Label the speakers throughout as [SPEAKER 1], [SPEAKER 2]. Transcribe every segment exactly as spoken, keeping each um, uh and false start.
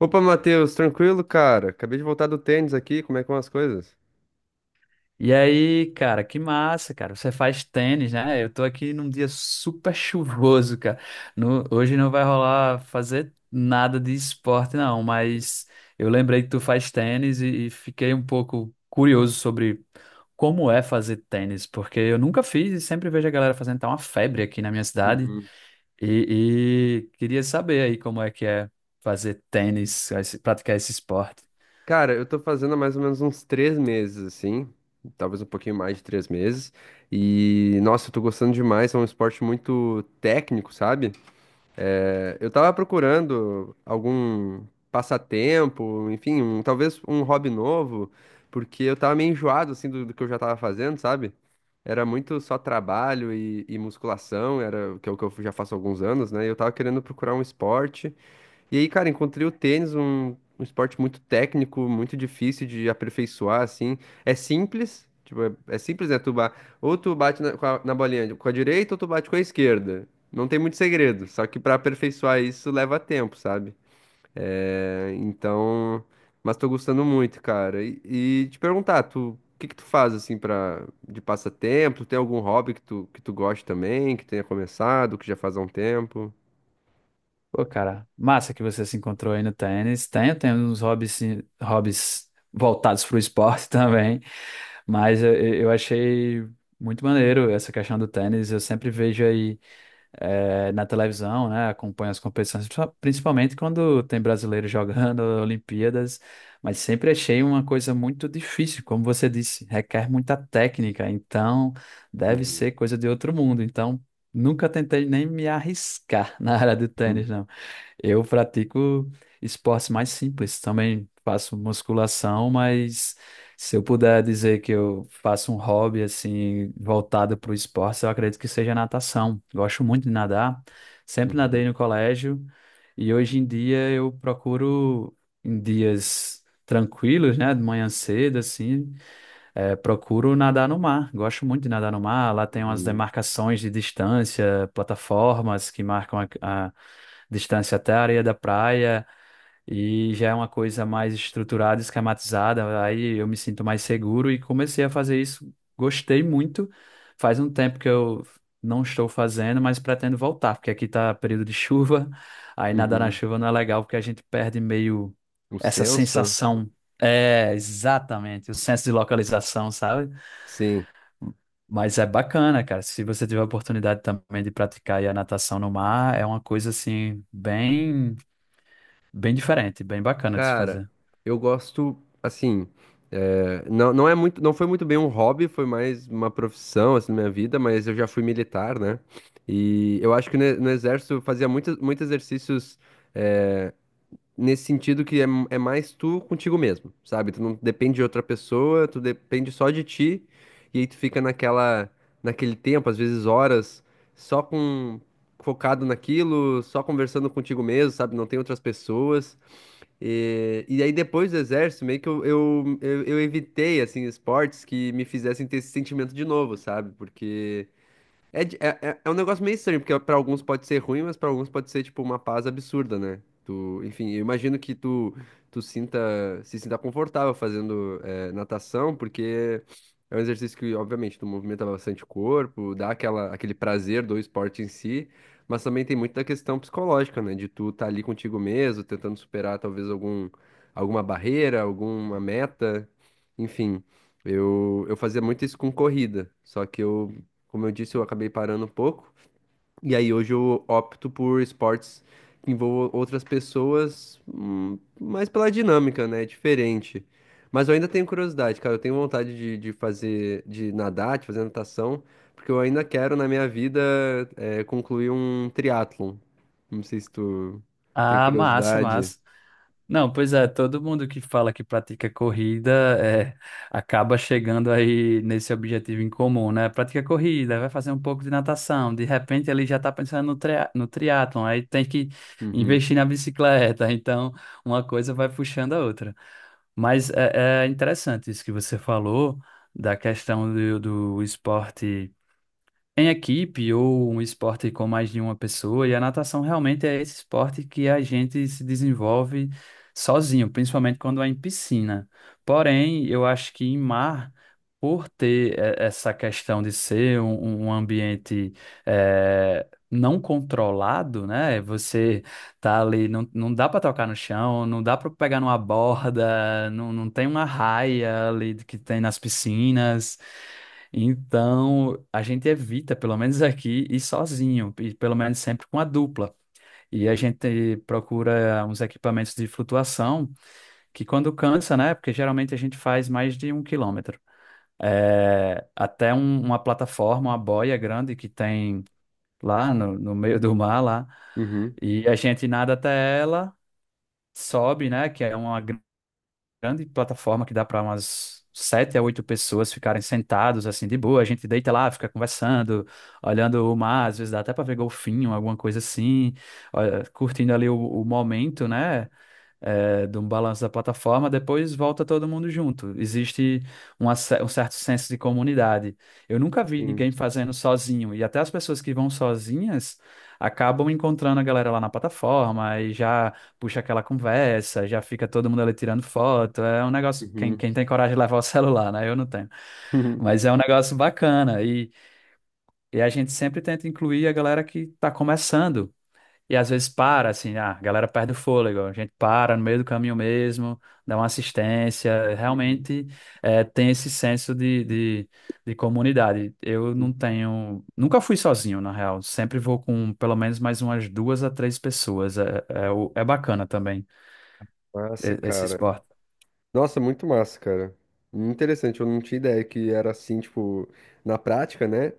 [SPEAKER 1] Opa, Matheus, tranquilo, cara? Acabei de voltar do tênis aqui, como é que vão as coisas?
[SPEAKER 2] E aí, cara, que massa, cara. Você faz tênis, né? Eu tô aqui num dia super chuvoso, cara. No- hoje não vai rolar fazer nada de esporte, não, mas eu lembrei que tu faz tênis e, e fiquei um pouco curioso sobre como é fazer tênis, porque eu nunca fiz e sempre vejo a galera fazendo, tá uma febre aqui na minha cidade.
[SPEAKER 1] Uhum.
[SPEAKER 2] E, e queria saber aí como é que é fazer tênis, esse- praticar esse esporte.
[SPEAKER 1] Cara, eu tô fazendo há mais ou menos uns três meses, assim, talvez um pouquinho mais de três meses, e nossa, eu tô gostando demais, é um esporte muito técnico, sabe? É, eu tava procurando algum passatempo, enfim, um- talvez um hobby novo, porque eu tava meio enjoado, assim, do, do que eu já tava fazendo, sabe? Era muito só trabalho e, e musculação, era o que, eu- que eu já faço há alguns anos, né? E eu tava querendo procurar um esporte e aí, cara, encontrei o tênis, um, um esporte muito técnico, muito difícil de aperfeiçoar, assim. É simples, tipo, é, é simples, né? Tu ba... Ou tu bate na, com a, na bolinha com a direita ou tu bate com a esquerda. Não tem muito segredo, só que pra aperfeiçoar isso leva tempo, sabe? É, então, mas tô gostando muito, cara. E, e te perguntar, tu, o que que tu faz assim para de passatempo? Tem algum hobby que tu que tu goste também, que tenha começado, que já faz há um tempo?
[SPEAKER 2] Pô, cara, massa que você se encontrou aí no tênis. Tenho, tenho uns hobbies, sim- hobbies voltados para o esporte também, mas eu, eu achei muito maneiro essa questão do tênis. Eu sempre vejo aí eh, na televisão, né? Acompanho as competições, principal- principalmente quando tem brasileiro jogando Olimpíadas, mas sempre achei uma coisa muito difícil, como você disse, requer muita técnica, então deve
[SPEAKER 1] Uhum,
[SPEAKER 2] ser coisa de outro mundo. Então, nunca tentei nem me arriscar na área do tênis,
[SPEAKER 1] uhum,
[SPEAKER 2] não. Eu pratico esportes mais simples, também faço musculação, mas se eu puder dizer que eu faço um hobby assim voltado para o esporte, eu acredito que seja natação. Gosto muito de nadar, sempre nadei
[SPEAKER 1] uhum.
[SPEAKER 2] no colégio e hoje em dia eu procuro em dias tranquilos, né, de manhã cedo assim, é, procuro nadar no mar. Gosto muito de nadar no mar. Lá tem umas
[SPEAKER 1] Uhum.
[SPEAKER 2] demarcações de distância, plataformas que marcam a, a distância até a areia da praia. E já é uma coisa mais estruturada, esquematizada. Aí eu me sinto mais seguro e comecei a fazer isso. Gostei muito. Faz um tempo que eu não estou fazendo, mas pretendo voltar, porque aqui está período de chuva. Aí nadar na
[SPEAKER 1] Uhum.
[SPEAKER 2] chuva não é legal, porque a gente perde meio
[SPEAKER 1] O
[SPEAKER 2] essa
[SPEAKER 1] senso?
[SPEAKER 2] sensação. É, exatamente, o senso de localização, sabe?
[SPEAKER 1] Sim.
[SPEAKER 2] Mas é bacana, cara. Se você tiver a oportunidade também de praticar aí a natação no mar, é uma coisa assim bem, bem diferente, bem bacana de se
[SPEAKER 1] Cara,
[SPEAKER 2] fazer.
[SPEAKER 1] eu gosto, assim, é, não, não é muito, não foi muito bem um hobby, foi mais uma profissão, assim, na minha vida, mas eu já fui militar, né? E eu acho que no, no exército eu fazia muitos, muitos exercícios nesse sentido que é, é mais tu contigo mesmo, sabe? Tu não depende de outra pessoa, tu depende só de ti, e aí tu fica naquela, naquele tempo, às vezes horas, só com focado naquilo, só conversando contigo mesmo, sabe? Não tem outras pessoas. E, e aí depois do exército, meio que eu, eu, eu, eu evitei, assim, esportes que me fizessem ter esse sentimento de novo, sabe? Porque é, de- é, é é um negócio meio estranho, porque pra alguns pode ser ruim, mas pra alguns pode ser, tipo, uma paz absurda, né? Tu, enfim, eu imagino que tu, tu sinta, se sinta confortável fazendo é, natação, porque é um exercício que, obviamente, tu movimenta bastante o corpo, dá aquela, aquele prazer do esporte em si, mas também tem muito da questão psicológica, né? De tu estar ali contigo mesmo, tentando superar talvez algum, alguma barreira, alguma meta, enfim. Eu, eu fazia muito isso com corrida, só que eu como eu disse, eu acabei parando um pouco. E aí hoje eu opto por esportes que envolvam outras pessoas, hum, mais pela dinâmica, né? Diferente. Mas eu ainda tenho curiosidade, cara. Eu tenho vontade de, de fazer, de nadar, de fazer natação, porque eu ainda quero na minha vida eh, concluir um triatlon. Não sei se tu tem
[SPEAKER 2] Ah, massa,
[SPEAKER 1] curiosidade.
[SPEAKER 2] massa. Não, pois é, todo mundo que fala que pratica corrida é, acaba chegando aí nesse objetivo em comum, né? Pratica corrida, vai fazer um pouco de natação, de repente ele já está pensando no, tria no triatlon, aí tem que
[SPEAKER 1] Uhum,
[SPEAKER 2] investir na bicicleta, então uma coisa vai puxando a outra. Mas é, é interessante isso que você falou da questão do do esporte em equipe ou um esporte com mais de uma pessoa, e a natação realmente é esse esporte que a gente se desenvolve sozinho, principalmente quando é em piscina. Porém, eu acho que em mar, por ter eh, essa questão de ser um, um um ambiente eh, não controlado, né? Você tá ali, não, não dá para tocar no chão, não dá para pegar numa borda, não, não tem uma raia ali que tem nas piscinas. Então, a gente evita, pelo menos aqui, ir sozinho, e pelo menos sempre com a dupla. E a gente procura uns equipamentos de flutuação, que quando cansa, né? Porque geralmente a gente faz mais de um quilômetro. É, até um- uma plataforma, uma boia grande que tem lá no, no meio do mar, lá.
[SPEAKER 1] uhum,
[SPEAKER 2] E a gente nada até ela, sobe, né? Que é uma grande plataforma que dá para umas sete a oito pessoas ficarem sentados assim de boa. A gente deita lá, fica conversando, olhando o mar, às vezes dá até para ver golfinho, alguma coisa assim, olha, curtindo ali o, o momento, né? Eh, de um balanço da plataforma, depois volta todo mundo junto. Existe uma ce- um certo senso de comunidade. Eu nunca vi
[SPEAKER 1] sim,
[SPEAKER 2] ninguém fazendo sozinho, e até as pessoas que vão sozinhas acabam encontrando a galera lá na plataforma e já puxa aquela conversa, já fica todo mundo ali tirando foto. É um negócio, quem,
[SPEAKER 1] uhum,
[SPEAKER 2] quem tem coragem de levar o celular, né? Eu não tenho.
[SPEAKER 1] uhum.
[SPEAKER 2] Mas é um negócio bacana e, e a gente sempre tenta incluir a galera que está começando. E às vezes para, assim, ah, a galera perde o fôlego, a gente para no meio do caminho mesmo, dá uma assistência,
[SPEAKER 1] Uhum.
[SPEAKER 2] realmente eh, tem esse senso de, de, de comunidade. Eu não tenho, nunca fui sozinho, na real, sempre vou com pelo menos mais umas duas a três pessoas, é, é, o- é bacana também
[SPEAKER 1] Massa,
[SPEAKER 2] eh, esse
[SPEAKER 1] cara.
[SPEAKER 2] esporte.
[SPEAKER 1] Nossa, muito massa, cara. Interessante, eu não tinha ideia que era assim, tipo, na prática, né?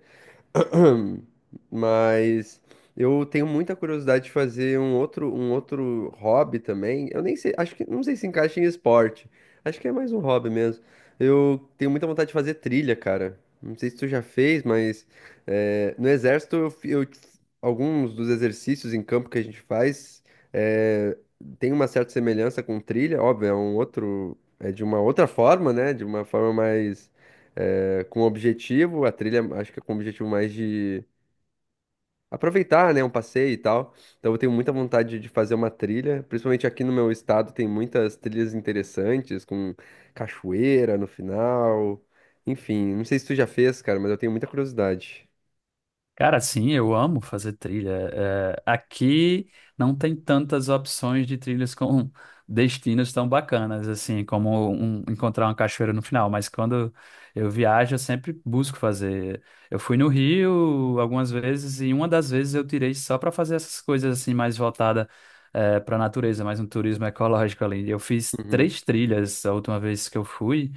[SPEAKER 1] Mas eu tenho muita curiosidade de fazer um outro, um outro hobby também. Eu nem sei, acho que não sei se encaixa em esporte. Acho que é mais um hobby mesmo. Eu tenho muita vontade de fazer trilha, cara. Não sei se tu já fez, mas eh, no exército eu, fi- eu- alguns dos exercícios em campo que a gente faz eh, tem uma certa semelhança com trilha. Óbvio, é um outro, é de uma outra forma, né? De uma forma mais é, com objetivo, a trilha acho que é com objetivo mais de aproveitar, né, um passeio e tal. Então eu tenho muita vontade de fazer uma trilha, principalmente aqui no meu estado tem muitas trilhas interessantes com cachoeira no final. Enfim, não sei se tu já fez, cara, mas eu tenho muita curiosidade.
[SPEAKER 2] Cara, sim, eu amo fazer trilha. É, aqui não tem tantas opções de trilhas com destinos tão bacanas, assim, como um- encontrar uma cachoeira no final. Mas quando eu viajo, eu sempre busco fazer. Eu fui no Rio algumas vezes e uma das vezes eu tirei só para fazer essas coisas assim mais voltada para a natureza, mais um turismo ecológico ali. Eu fiz
[SPEAKER 1] Uhum.
[SPEAKER 2] três trilhas a última vez que eu fui.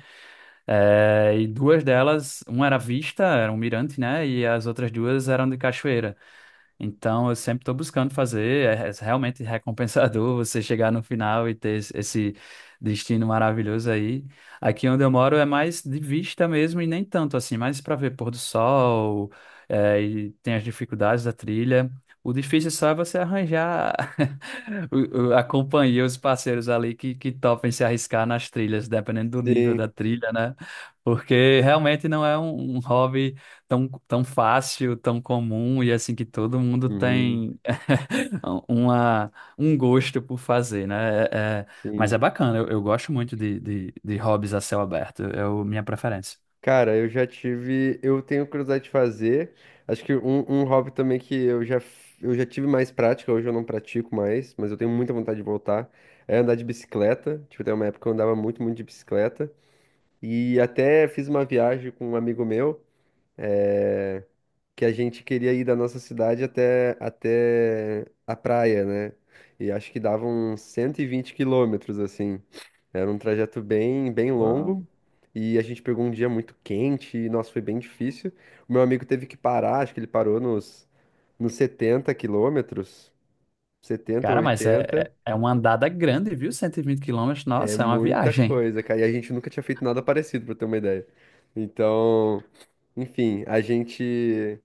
[SPEAKER 2] É, e duas delas, uma era vista, era um mirante, né? E as outras duas eram de cachoeira. Então, eu sempre estou buscando fazer, é, é realmente recompensador você chegar no final e ter esse esse destino maravilhoso aí. Aqui onde eu moro é mais de vista mesmo e nem tanto assim, mais para ver pôr do sol, é, e tem as dificuldades da trilha. O difícil só é você arranjar o- o- a companhia, os parceiros ali que, que topem se arriscar nas trilhas, dependendo do nível da
[SPEAKER 1] Sim,
[SPEAKER 2] trilha, né? Porque realmente não é um um hobby tão, tão fácil, tão comum e assim que todo mundo
[SPEAKER 1] uhum,
[SPEAKER 2] tem uma, um gosto por fazer, né? É- é- mas
[SPEAKER 1] sim.
[SPEAKER 2] é bacana, eu, eu gosto muito de, de, de hobbies a céu aberto, é o, minha preferência.
[SPEAKER 1] Cara, eu já tive. Eu tenho curiosidade de fazer. Acho que um, um hobby também que eu já, f- eu já tive mais prática, hoje eu não pratico mais, mas eu tenho muita vontade de voltar. É andar de bicicleta. Tipo, tem uma época que eu andava muito, muito de bicicleta. E até fiz uma viagem com um amigo meu, eh, que a gente queria ir da nossa cidade até, até a praia, né? E acho que dava uns cento e vinte quilômetros, assim. Era um trajeto bem, bem
[SPEAKER 2] Ah,
[SPEAKER 1] longo e a gente pegou um dia muito quente e, nossa, foi bem difícil. O meu amigo teve que parar, acho que ele parou nos, nos setenta quilômetros, setenta ou
[SPEAKER 2] cara, mas é,
[SPEAKER 1] oitenta
[SPEAKER 2] é é uma andada grande, viu? Cento e vinte quilômetros,
[SPEAKER 1] É
[SPEAKER 2] nossa, é uma
[SPEAKER 1] muita
[SPEAKER 2] viagem.
[SPEAKER 1] coisa, cara. E a gente nunca tinha feito nada parecido, pra ter uma ideia. Então, enfim, a gente,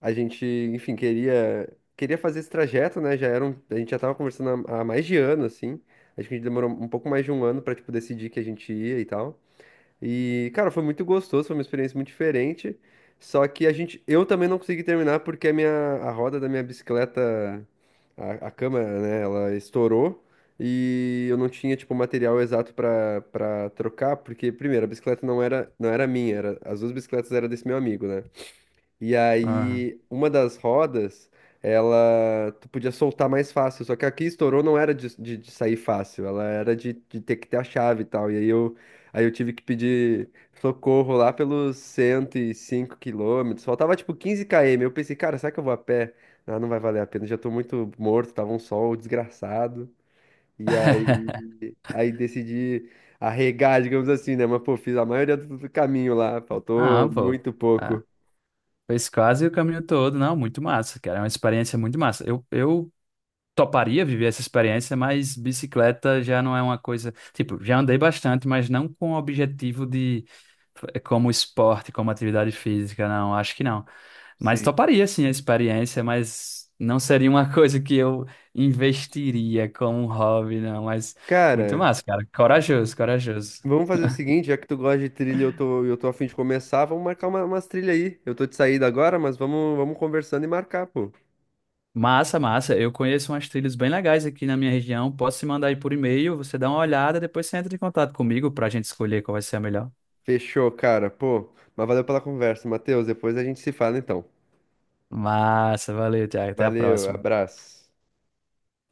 [SPEAKER 1] a gente, enfim, queria, queria fazer esse trajeto, né? Já era um, a gente já tava conversando há, há mais de ano, assim. Acho que a gente demorou um pouco mais de um ano pra, tipo, decidir que a gente ia e tal. E, cara, foi muito gostoso, foi uma experiência muito diferente. Só que a gente, eu também não consegui terminar porque a minha, a roda da minha bicicleta, a, a câmera, né, ela estourou e eu não tinha, tipo, o material exato pra para trocar, porque primeiro, a bicicleta não era, não era minha, era, as duas bicicletas eram desse meu amigo, né? E
[SPEAKER 2] ah,
[SPEAKER 1] aí, uma das rodas, ela tu podia soltar mais fácil. Só que aqui estourou não era de, de- de sair fácil, ela era de, de ter que ter a chave e tal. E aí eu, aí eu tive que pedir socorro lá pelos cento e cinco quilômetros. Faltava tipo quinze quilômetros. Eu pensei, cara, será que eu vou a pé? Ah, não vai valer a pena, já tô muito morto, tava um sol desgraçado. E aí, aí decidi arregar, digamos assim, né? Mas pô, fiz a maioria do do caminho lá,
[SPEAKER 2] Ah,
[SPEAKER 1] faltou
[SPEAKER 2] pô.
[SPEAKER 1] muito
[SPEAKER 2] Ah,
[SPEAKER 1] pouco.
[SPEAKER 2] fez quase o caminho todo, não, muito massa, cara, é uma experiência muito massa. Eu, eu toparia viver essa experiência, mas bicicleta já não é uma coisa. Tipo, já andei bastante, mas não com o objetivo de. eh, Como esporte, como atividade física, não, acho que não. Mas
[SPEAKER 1] Sim.
[SPEAKER 2] toparia sim a experiência, mas não seria uma coisa que eu investiria como um hobby, não. Mas muito
[SPEAKER 1] Cara,
[SPEAKER 2] massa, cara. Corajoso, corajoso.
[SPEAKER 1] vamos fazer o seguinte, já que tu gosta de trilha e eu tô, eu tô a fim de começar, vamos marcar uma, umas trilhas aí. Eu tô de saída agora, mas vamos, vamos conversando e marcar, pô.
[SPEAKER 2] Massa, massa. Eu conheço umas trilhas bem legais aqui na minha região. Posso te mandar aí por e-mail, você dá uma olhada, depois você entra em contato comigo para a gente escolher qual vai ser a melhor.
[SPEAKER 1] Fechou, cara, pô. Mas valeu pela conversa, Matheus. Depois a gente se fala, então.
[SPEAKER 2] Massa, valeu, Thiago. Até a
[SPEAKER 1] Valeu,
[SPEAKER 2] próxima.
[SPEAKER 1] abraço.